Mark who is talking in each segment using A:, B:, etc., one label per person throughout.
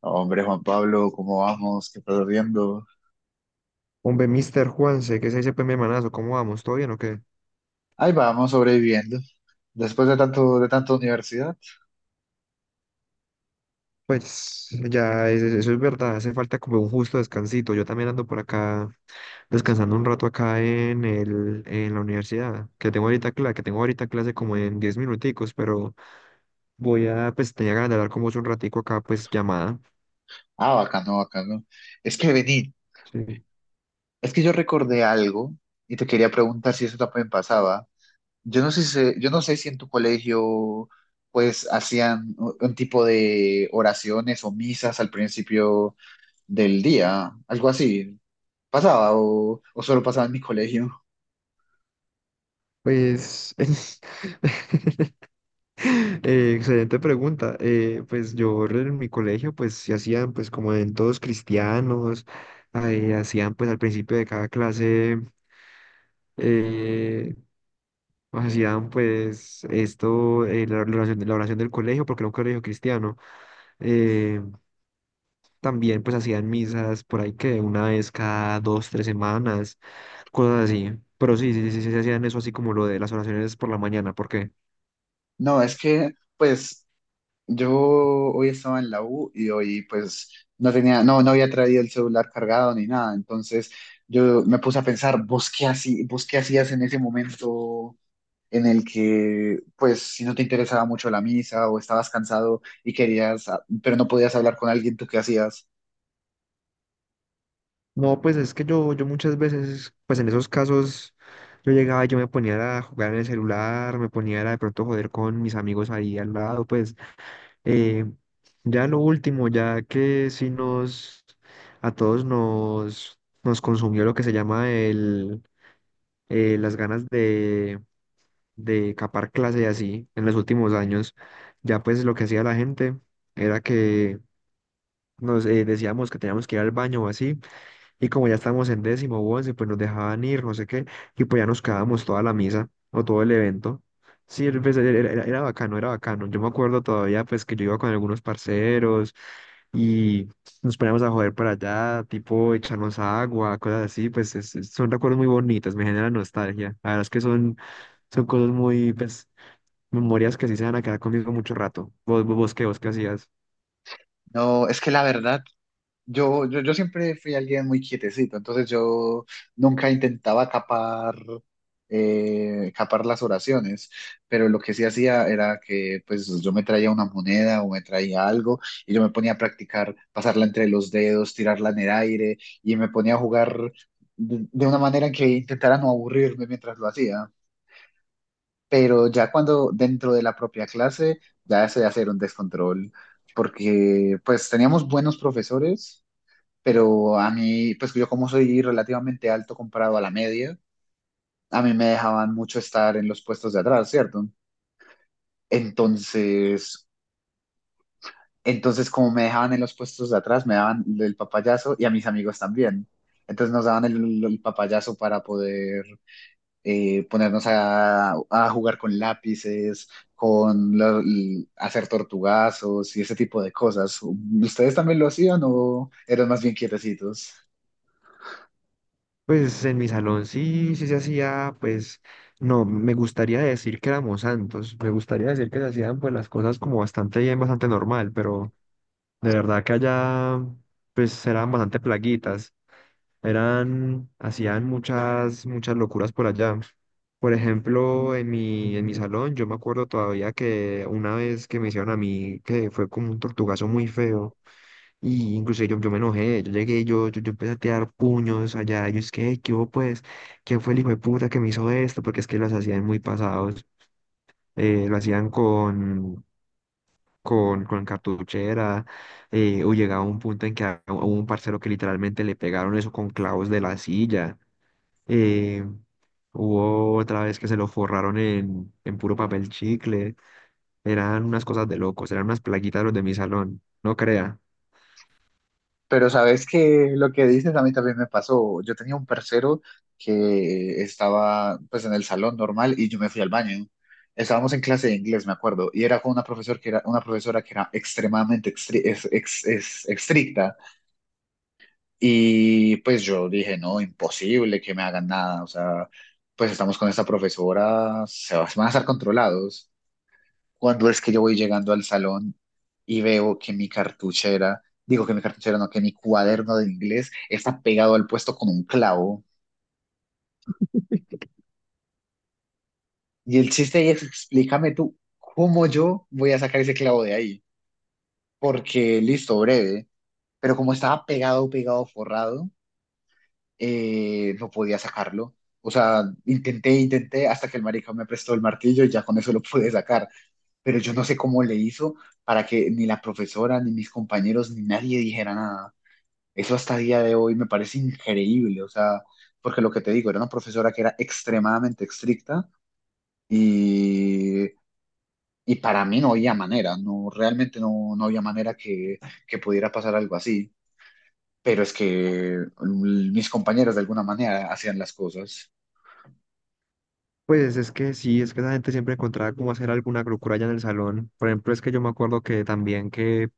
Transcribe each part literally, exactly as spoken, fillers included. A: Hombre, Juan Pablo, ¿cómo vamos? ¿Qué estás viendo?
B: Hombre, Mister Juanse, ¿qué se dice, pues, mi hermanazo? ¿Cómo vamos? ¿Todo bien o qué?
A: Ahí vamos, sobreviviendo. Después de tanto, de tanta universidad.
B: Pues ya, es- es- eso es verdad, hace falta como un justo descansito. Yo también ando por acá descansando un rato acá en el, en la universidad, que tengo ahorita clase, que tengo ahorita clase como en diez minuticos, pero voy a, pues tenía ganas de hablar con vos un ratico acá, pues llamada.
A: Ah, bacano, bacano. Es que vení,
B: Sí.
A: es que yo recordé algo y te quería preguntar si eso también pasaba. Yo no sé si, yo no sé si en tu colegio, pues, hacían un un tipo de oraciones o misas al principio del día, algo así. ¿Pasaba o, o solo pasaba en mi colegio?
B: Pues Eh, excelente pregunta. Eh, pues yo en mi colegio pues se hacían pues como en todos cristianos, ahí hacían pues al principio de cada clase, eh, pues, hacían pues esto, eh, la, la oración, la oración del colegio, porque era un colegio cristiano. Eh, También pues hacían misas por ahí que una vez cada dos, tres semanas, cosas así. Pero sí, sí, sí, sí, sí, se hacían eso así como lo de las oraciones por la mañana, porque
A: No, es que, pues. Yo hoy estaba en la U y hoy pues no tenía, no, no había traído el celular cargado ni nada. Entonces yo me puse a pensar, ¿vos qué así, vos qué hacías en ese momento en el que pues si no te interesaba mucho la misa o estabas cansado y querías, ah, pero no podías hablar con alguien? ¿Tú qué hacías?
B: No, pues es que yo, yo muchas veces, pues en esos casos, yo llegaba y yo me ponía a jugar en el celular, me ponía a de pronto joder con mis amigos ahí al lado, pues eh, ya lo último, ya que sí nos, a todos nos, nos consumió lo que se llama el, eh, las ganas de, de capar clase y así en los últimos años, ya pues lo que hacía la gente era que nos eh, decíamos que teníamos que ir al baño o así y como ya estábamos en décimo o once, pues nos dejaban ir, no sé qué, y pues ya nos quedábamos toda la misa o todo el evento. Sí, el- pues, era, era- era bacano, era bacano. Yo me acuerdo todavía, pues, que yo iba con algunos parceros y nos poníamos a joder para allá, tipo echarnos agua, cosas así, pues es- es- son recuerdos muy bonitos, me generan nostalgia. La verdad es que son, son cosas muy, pues, memorias que sí se van a quedar conmigo mucho rato. ¿Vos, vos, vos qué, vos qué hacías?
A: No, es que la verdad Yo, yo, yo siempre fui alguien muy quietecito, entonces yo nunca intentaba capar, eh, capar las oraciones, pero lo que sí hacía era que pues yo me traía una moneda o me traía algo y yo me ponía a practicar, pasarla entre los dedos, tirarla en el aire y me ponía a jugar de, de una manera que intentara no aburrirme mientras lo hacía. Pero ya cuando dentro de la propia clase ya se hacía un descontrol, porque pues teníamos buenos profesores, pero a mí, pues yo como soy relativamente alto comparado a la media, a mí me dejaban mucho estar en los puestos de atrás, ¿cierto? Entonces, entonces como me dejaban en los puestos de atrás, me daban el papayazo y a mis amigos también. Entonces nos daban el, el papayazo para poder eh, ponernos a, a jugar con lápices, con lo- l- hacer tortugazos y ese tipo de cosas. ¿Ustedes también lo hacían o eran más bien quietecitos?
B: Pues en mi salón sí, sí se hacía, pues no, me gustaría decir que éramos santos, me gustaría decir que se hacían pues las cosas como bastante bien, bastante normal, pero de verdad que allá pues eran bastante plaguitas, eran, hacían muchas, muchas locuras por allá. Por ejemplo, en mi, en mi salón yo me acuerdo todavía que una vez que me hicieron a mí, que fue como un tortugazo muy feo. Y incluso yo, yo me enojé, yo llegué, yo, yo, yo empecé a tirar puños allá, yo es que, ¿qué hubo pues? ¿Quién fue el hijo de puta que me hizo esto? Porque es que los hacían muy pasados, eh, lo hacían con, con, con cartuchera, eh, o llegaba un punto en que a- hubo un parcero que literalmente le pegaron eso con clavos de la silla, eh, hubo otra vez que se lo forraron en, en puro papel chicle, eran unas cosas de locos, eran unas plaguitas los de mi salón, no crea.
A: Pero sabes que lo que dices a mí también me pasó. Yo tenía un parcero que estaba pues en el salón normal y yo me fui al baño. Estábamos en clase de inglés, me acuerdo, y era con una profesora que era una profesora que era extremadamente extri- es- ex- es- estricta y pues yo dije, no, imposible que me hagan nada, o sea, pues estamos con esta profesora, se va- se van a estar controlados, cuando es que yo voy llegando al salón y veo que mi cartuchera, digo que mi cartuchera no, que mi cuaderno de inglés está pegado al puesto con un clavo. Y el chiste ahí es, explícame tú, ¿cómo yo voy a sacar ese clavo de ahí? Porque listo, breve, pero como estaba pegado, pegado, forrado, eh, no podía sacarlo. O sea, intenté, intenté hasta que el marica me prestó el martillo y ya con eso lo pude sacar. Pero yo no sé cómo le hizo para que ni la profesora, ni mis compañeros, ni nadie dijera nada. Eso hasta día de hoy me parece increíble, o sea, porque lo que te digo, era una profesora que era extremadamente estricta y, y para mí no había manera, no, realmente no, no había manera que, que pudiera pasar algo así, pero es que mm, mis compañeros de alguna manera hacían las cosas.
B: Pues es que sí, es que la gente siempre encontraba cómo hacer alguna locura allá en el salón. Por ejemplo, es que yo me acuerdo que también que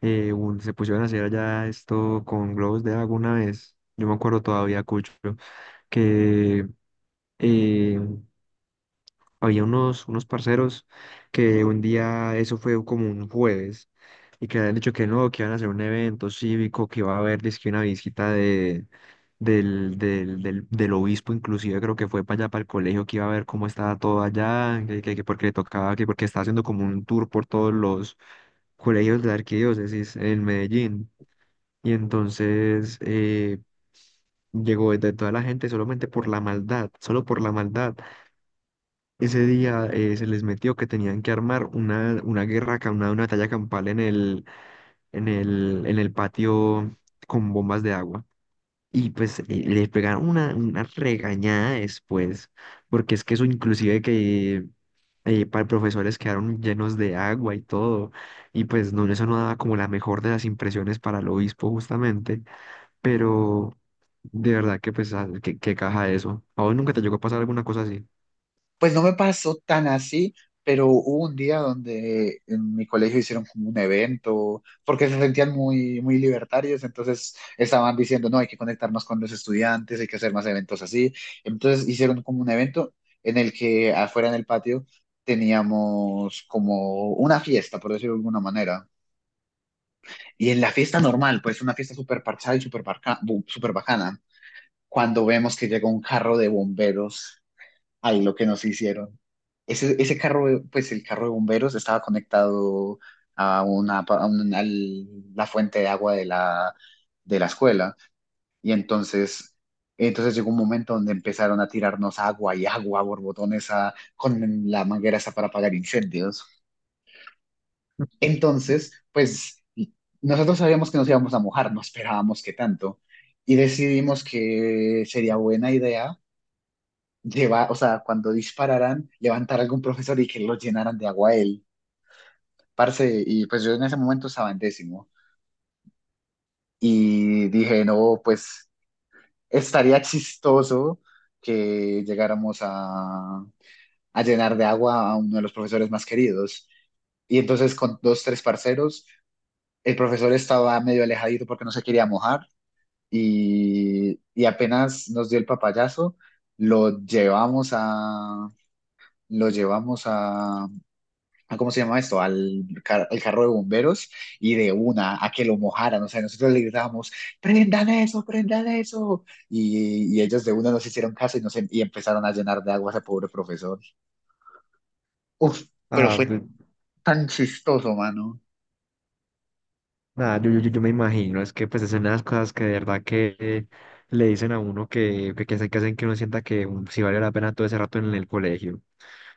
B: eh, un- se pusieron a hacer allá esto con globos de agua una vez. Yo me acuerdo todavía, Cucho, que eh, había unos, unos parceros que un día, eso fue como un jueves, y que habían dicho que no, que iban a hacer un evento cívico, que iba a haber dizque una visita de, del, del, del, del obispo, inclusive creo que fue para allá, para el colegio, que iba a ver cómo estaba todo allá, que, que- que porque le tocaba, que porque estaba haciendo como un tour por todos los colegios de la arquidiócesis en Medellín. Y entonces eh, llegó de toda la gente solamente por la maldad, solo por la maldad ese día eh, se les metió que tenían que armar una, una guerra, acá, una, una batalla campal en el, en el, en el patio con bombas de agua. Y pues eh, les pegaron una, una regañada después, porque es que eso inclusive que eh, para profesores quedaron llenos de agua y todo. Y pues no, eso no daba como la mejor de las impresiones para el obispo justamente, pero de verdad que pues ah, que, que caja eso. ¿A vos nunca te llegó a pasar alguna cosa así?
A: Pues no me pasó tan así, pero hubo un día donde en mi colegio hicieron como un evento, porque se sentían muy, muy libertarios, entonces estaban diciendo, no, hay que conectarnos con los estudiantes, hay que hacer más eventos así. Entonces hicieron como un evento en el que afuera en el patio teníamos como una fiesta, por decirlo de alguna manera. Y en la fiesta normal, pues una fiesta súper parchada y súper barca- bu- súper bacana, cuando vemos que llega un carro de bomberos, ahí lo que nos hicieron. Ese, ese carro, de- pues el carro de bomberos estaba conectado a una, pa- a un- al- la fuente de agua de la, de la escuela. Y entonces, entonces llegó un momento donde empezaron a tirarnos agua y agua, borbotones a, con la manguera esa para apagar incendios. Entonces, pues nosotros sabíamos que nos íbamos a mojar, no esperábamos que tanto. Y decidimos que sería buena idea llevar, o sea, cuando dispararan, levantar a algún profesor y que lo llenaran de agua a él. Parce, y pues yo en ese momento estaba en décimo y dije, no, pues estaría chistoso que llegáramos a, a llenar de agua a uno de los profesores más queridos. Y entonces con dos, tres parceros, el profesor estaba medio alejadito porque no se quería mojar y, y apenas nos dio el papayazo, lo llevamos a, lo llevamos a, a- ¿cómo se llama esto? Al, car- al carro de bomberos y de una a que lo mojaran. O sea, nosotros le gritábamos, prendan eso, prendan eso. Y, y ellos de una nos hicieron caso y, nos, em- y empezaron a llenar de agua a ese pobre profesor. Uf, pero
B: Ah,
A: fue
B: pe-
A: tan chistoso, mano.
B: Nada, yo, yo, yo yo me imagino, es que pues es una de las cosas que de verdad que le dicen a uno que, que, que hacen, que hacen que uno sienta que um, sí vale la pena todo ese rato en el colegio,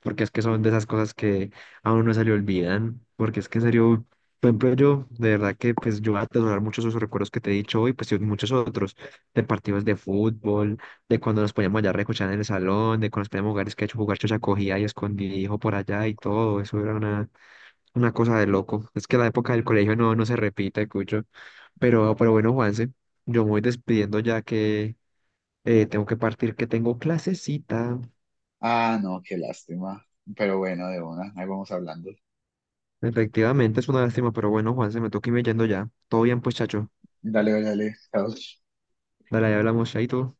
B: porque es que son de esas cosas que a uno no se le olvidan, porque es que en serio, por ejemplo yo, de verdad que pues yo voy a atesorar muchos de esos recuerdos que te he dicho hoy, pues y muchos otros, de partidos de fútbol, de cuando nos poníamos allá a recochar en el salón, de cuando nos poníamos a jugar, es que he hecho jugar chocha cogía y escondidillo por allá y todo, eso era una, una cosa de loco, es que la época del colegio no, no se repite, Cucho. Pero, pero bueno, Juanse, yo me voy despidiendo ya que eh, tengo que partir, que tengo clasecita.
A: Ah, no, qué lástima. Pero bueno, de una, ahí vamos hablando.
B: Efectivamente, es una lástima, pero bueno, Juanse, me toca irme yendo ya. Todo bien, pues, chacho.
A: Dale, dale, dale. Chao.
B: Dale, ya hablamos, chaito.